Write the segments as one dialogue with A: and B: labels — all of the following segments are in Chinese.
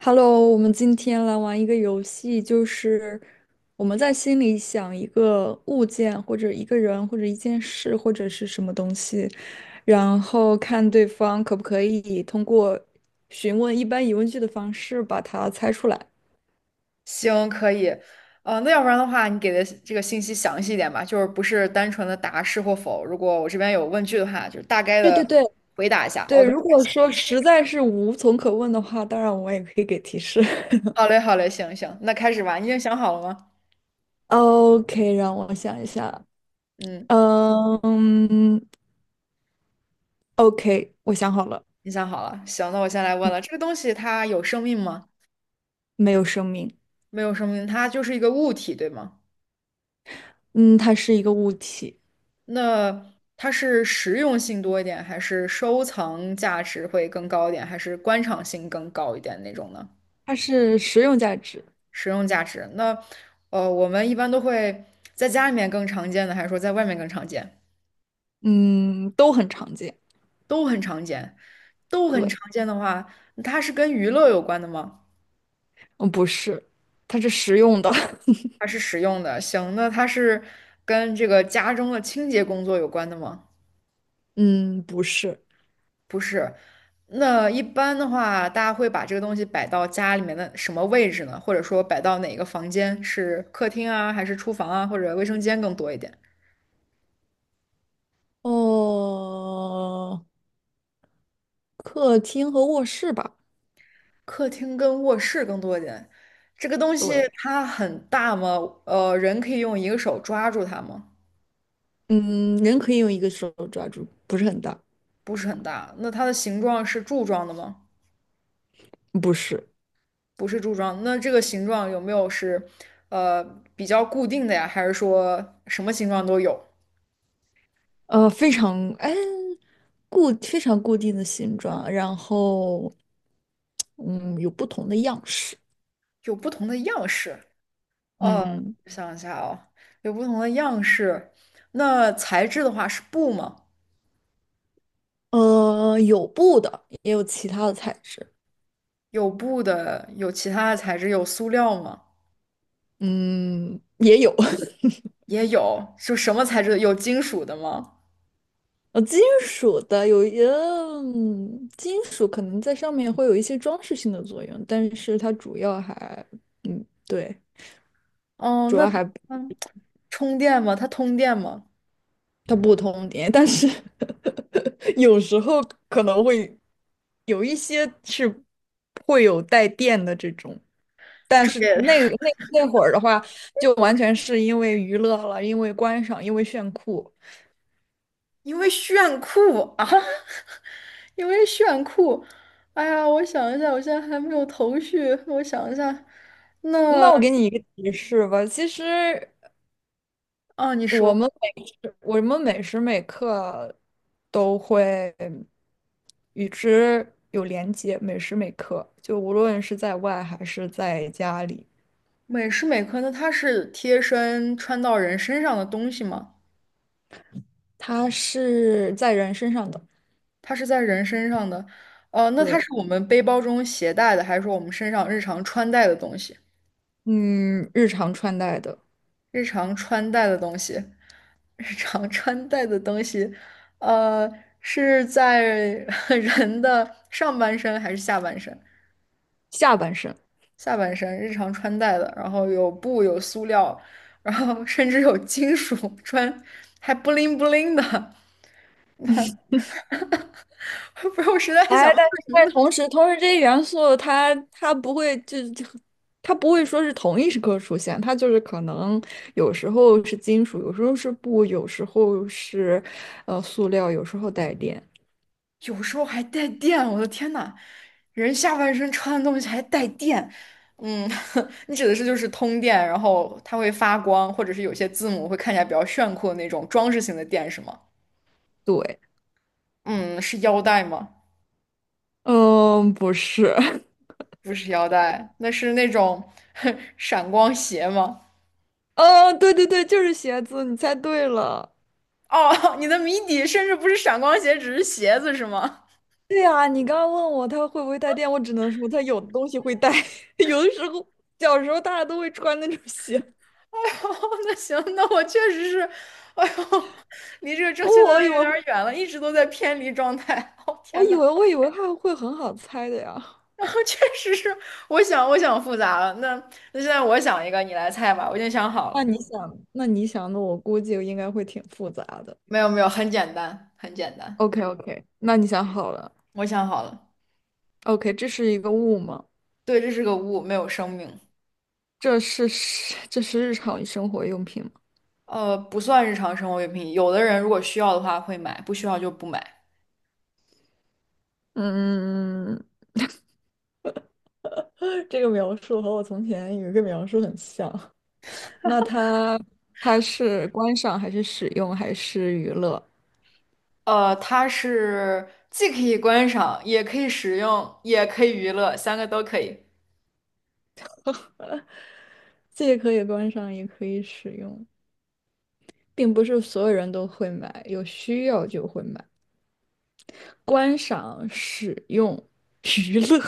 A: Hello，我们今天来玩一个游戏，就是我们在心里想一个物件，或者一个人，或者一件事，或者是什么东西，然后看对方可不可以通过询问一般疑问句的方式把它猜出来。
B: 行，可以。那要不然的话，你给的这个信息详细一点吧，就是不是单纯的答是或否。如果我这边有问句的话，就是大概
A: 对对
B: 的
A: 对
B: 回答一下。
A: 对，
B: OK，OK，
A: 如果
B: 行。
A: 说实在是无从可问的话，当然我也可以给提示。
B: 好嘞，好嘞，行行，那开始吧。你已经想好了吗？
A: OK，让我想一下。
B: 嗯，
A: 嗯，OK，我想好了，
B: 你想好了。行，那我先来问了，这个东西它有生命吗？
A: 没有生命。
B: 没有生命，它就是一个物体，对吗？
A: 嗯，它是一个物体，
B: 那它是实用性多一点，还是收藏价值会更高一点，还是观赏性更高一点那种呢？
A: 它是实用价值，
B: 实用价值。那我们一般都会在家里面更常见的，还是说在外面更常见？
A: 嗯，都很常见。
B: 都很常见，都很
A: 对，
B: 常见的话，它是跟娱乐有关的吗？
A: 嗯，不是，它是实用的，
B: 它是实用的，行，那它是跟这个家中的清洁工作有关的吗？
A: 嗯，不是。
B: 不是。那一般的话，大家会把这个东西摆到家里面的什么位置呢？或者说摆到哪个房间？是客厅啊，还是厨房啊，或者卫生间更多一点？
A: 哦，客厅和卧室吧。
B: 客厅跟卧室更多一点。这个东西
A: 对，
B: 它很大吗？人可以用一个手抓住它吗？
A: 嗯，人可以用一个手抓住，不是很大，
B: 不是很大。那它的形状是柱状的吗？
A: 不是，
B: 不是柱状。那这个形状有没有是呃比较固定的呀？还是说什么形状都有？
A: 呃，非常哎非常固定的形状，然后嗯有不同的样式，
B: 有不同的样式。呃，
A: 嗯
B: 我想一下哦，有不同的样式。那材质的话是布吗？
A: 有布的，也有其他的材质。
B: 有布的，有其他的材质，有塑料吗？
A: 嗯，也有，
B: 也有，就什么材质的？有金属的吗？
A: 金属的有一，嗯，金属可能在上面会有一些装饰性的作用，但是它主要还，嗯，对，
B: 哦，
A: 主
B: 那
A: 要
B: 它
A: 还
B: 嗯充电吗？它通电吗？
A: 它不通电，但是 有时候可能会有一些是会有带电的这种，但
B: 这
A: 是
B: 也
A: 那个 那那会儿的话，就完全是因为娱乐了，因为观赏，因为炫酷。
B: 因为炫酷啊，因为炫酷。哎呀，我想一下，我现在还没有头绪。我想一下，那
A: 那我给你一个提示吧，其实。
B: 啊，你
A: 我
B: 说
A: 们我们每时每刻都会与之有连接，每时每刻，就无论是在外还是在家里，
B: 美时美科，那它是贴身穿到人身上的东西吗？
A: 它是在人身上的，
B: 它是在人身上的，哦、那它
A: 对，
B: 是我们背包中携带的，还是说我们身上日常穿戴的东西？
A: 嗯，日常穿戴的
B: 日常穿戴的东西，日常穿戴的东西，呃，是在 人的上半身还是下半身？
A: 下半身。
B: 下半身日常穿戴的，然后有布，有塑料，然后甚至有金属穿，还不灵不灵的。不是，我实在想。
A: 哎，但是同时，这些元素它不会它不会说是同一时刻出现，它就是可能有时候是金属，有时候是布，有时候是塑料，有时候带电。
B: 有时候还带电，我的天呐，人下半身穿的东西还带电，嗯，你指的是就是通电，然后它会发光，或者是有些字母会看起来比较炫酷的那种装饰性的电，是吗？
A: 对，
B: 嗯，是腰带吗？
A: 嗯，不是，
B: 不是腰带，那是那种 闪光鞋吗？
A: 嗯，对对对，就是鞋子，你猜对了。
B: 哦，你的谜底甚至不是闪光鞋，只是鞋子是吗？
A: 对呀，你刚刚问我它会不会带电，我只能说它有的东西会带，有的时候小时候大家都会穿那种鞋，
B: 哦，那行，那我确实是，哎呦，离这个正确答
A: 我
B: 案
A: 以为
B: 有点儿远了，一直都在偏离状态。哦，天呐。
A: 我以为它会很好猜的呀。
B: 然后确实是，我想复杂了。那现在我想一个，你来猜吧。我已经想好了。
A: 那你想的，我估计应该会挺复杂的。
B: 没有没有，很简单，很简单。
A: OK OK，那你想好了
B: 我想好了。
A: ？OK，这是一个物吗？
B: 对，这是个物，没有生命。
A: 这是 这是日常生活用品吗？
B: 呃，不算日常生活用品。有的人如果需要的话会买，不需要就不买。
A: 嗯，这个描述和我从前有一个描述很像。那它它是观赏还是使用还是娱乐？
B: 它是既可以观赏，也可以使用，也可以娱乐，三个都可以。
A: 既可以观赏，也可以使用，并不是所有人都会买，有需要就会买。观赏、使用、娱乐，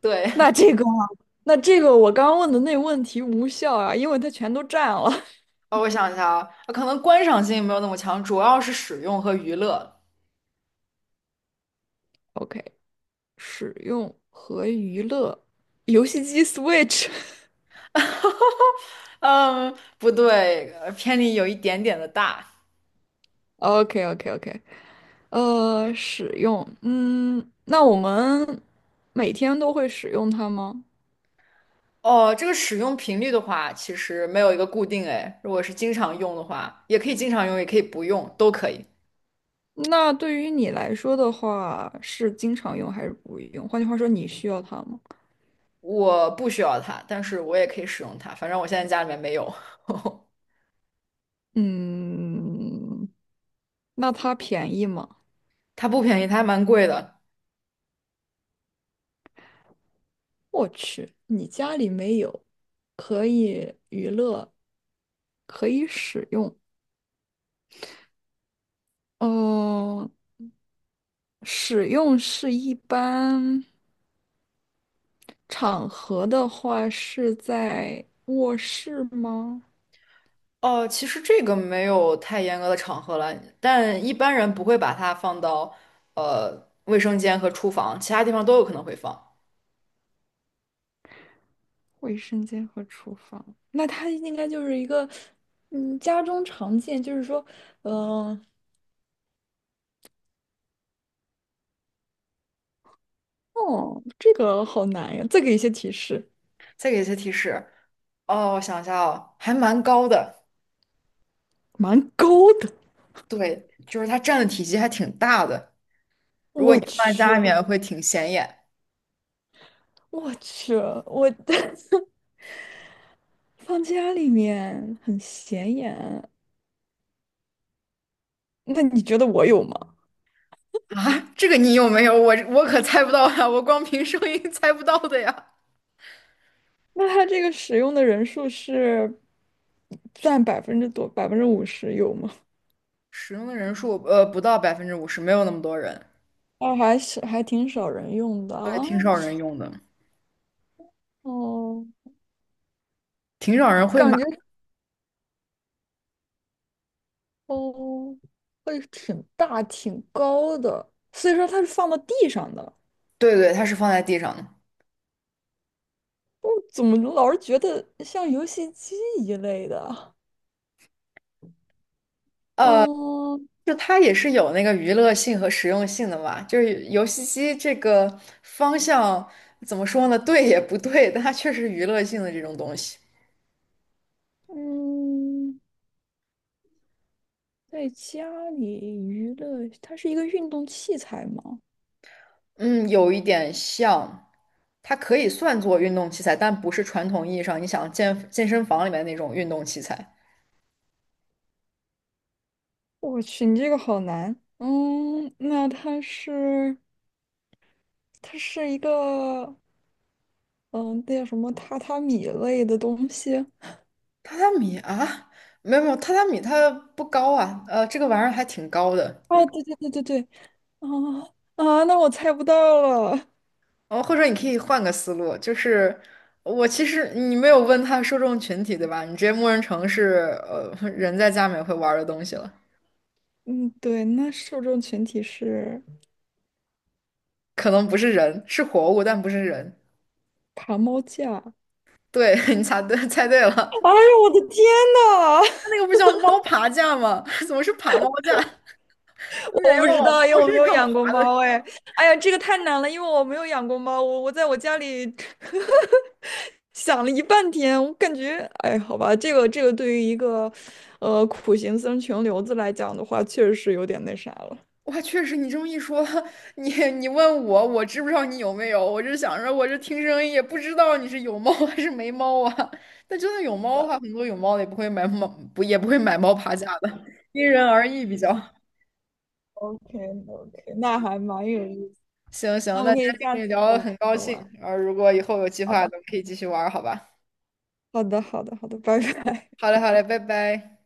B: 对，
A: 那 这个啊，那这个我刚刚问的那问题无效啊，因为它全都占了。
B: 我想一下啊，可能观赏性没有那么强，主要是使用和娱乐。
A: OK，使用和娱乐，游戏机 Switch。
B: 哈哈，嗯，不对，偏离有一点点的大。
A: OK OK OK，使用，嗯，那我们每天都会使用它吗？
B: 哦，这个使用频率的话，其实没有一个固定哎。如果是经常用的话，也可以经常用，也可以不用，都可以。
A: 那对于你来说的话，是经常用还是不用？换句话说，你需要它吗？
B: 我不需要它，但是我也可以使用它。反正我现在家里面没有，
A: 嗯，那它便宜吗？
B: 它不便宜，它还蛮贵的。
A: 我去，你家里没有，可以娱乐，可以使用。嗯，使用是一般场合的话是在卧室吗？
B: 哦，其实这个没有太严格的场合了，但一般人不会把它放到卫生间和厨房，其他地方都有可能会放。
A: 卫生间和厨房，那它应该就是一个，嗯，家中常见，就是说，嗯、哦，这个好难呀，再给一些提示，
B: 再给一些提示，哦，我想一下哦，还蛮高的，
A: 蛮高的。
B: 对，就是它占的体积还挺大的，如果
A: 我
B: 你放在
A: 去，
B: 家里面会挺显眼
A: 我去，我 放家里面很显眼。那你觉得我有吗？
B: 啊。这个你有没有？我可猜不到呀，我光凭声音 猜不到的呀。
A: 那它这个使用的人数是占百分之多，50%有吗？
B: 使用的人数不到50%，没有那么多人，
A: 那还是还挺少人用的
B: 对，
A: 啊。
B: 挺少人用的，
A: 哦，
B: 挺少人会买。
A: 感觉哦，会挺大挺高的，所以说它是放到地上的。
B: 对对，它是放在地上的，
A: 我怎么老是觉得像游戏机一类的？
B: 呃，
A: 嗯
B: 就它也是有那个娱乐性和实用性的嘛，就是游戏机这个方向怎么说呢？对也不对，但它确实娱乐性的这种东西。
A: 嗯，在家里娱乐，它是一个运动器材吗？
B: 嗯，有一点像，它可以算作运动器材，但不是传统意义上你想健健身房里面那种运动器材。
A: 我去，你这个好难。嗯，那它是它是一个嗯，那叫什么榻榻米类的东西啊？
B: 榻榻米啊，没有没有，榻榻米它不高啊，这个玩意儿还挺高的。
A: 对对对对对，啊啊，那我猜不到了。
B: 哦，或者你可以换个思路，就是我其实你没有问它受众群体，对吧？你直接默认成是人在家里面会玩儿的东西了，
A: 嗯，对，那受众群体是
B: 可能不是人，是活物，但不是人。
A: 爬猫架。
B: 对，你猜对，猜对了，它
A: 哎呀，我的天呐，
B: 那个不叫猫爬架吗？怎么是爬猫架？有点
A: 我不
B: 要
A: 知
B: 往
A: 道，因
B: 猫
A: 为我
B: 身
A: 没有
B: 上
A: 养过
B: 爬的。
A: 猫。哎，哎呀，这个太难了，因为我没有养过猫，我在我家里 想了一半天，我感觉，哎，好吧，这个对于一个，苦行僧穷流子来讲的话，确实是有点那啥了。
B: 哇，确实，你这么一说，你问我，我知不知道你有没有？我是想着，我这听声音也不知道你是有猫还是没猫啊。但真的有猫的话，很多有猫的也不会买猫，不也不会买猫爬架的，因人而异比较。
A: o k o k 那还蛮有意思。
B: 行
A: 那
B: 行，
A: 我
B: 那
A: 们可
B: 今
A: 以
B: 天
A: 下
B: 跟你
A: 次
B: 聊得很高
A: 再
B: 兴，
A: 玩。
B: 然后如果以后有计
A: 好
B: 划，咱
A: 的，
B: 们可以继续玩儿好吧？
A: 好的，好的，好的，拜拜。
B: 好嘞，好嘞，拜拜。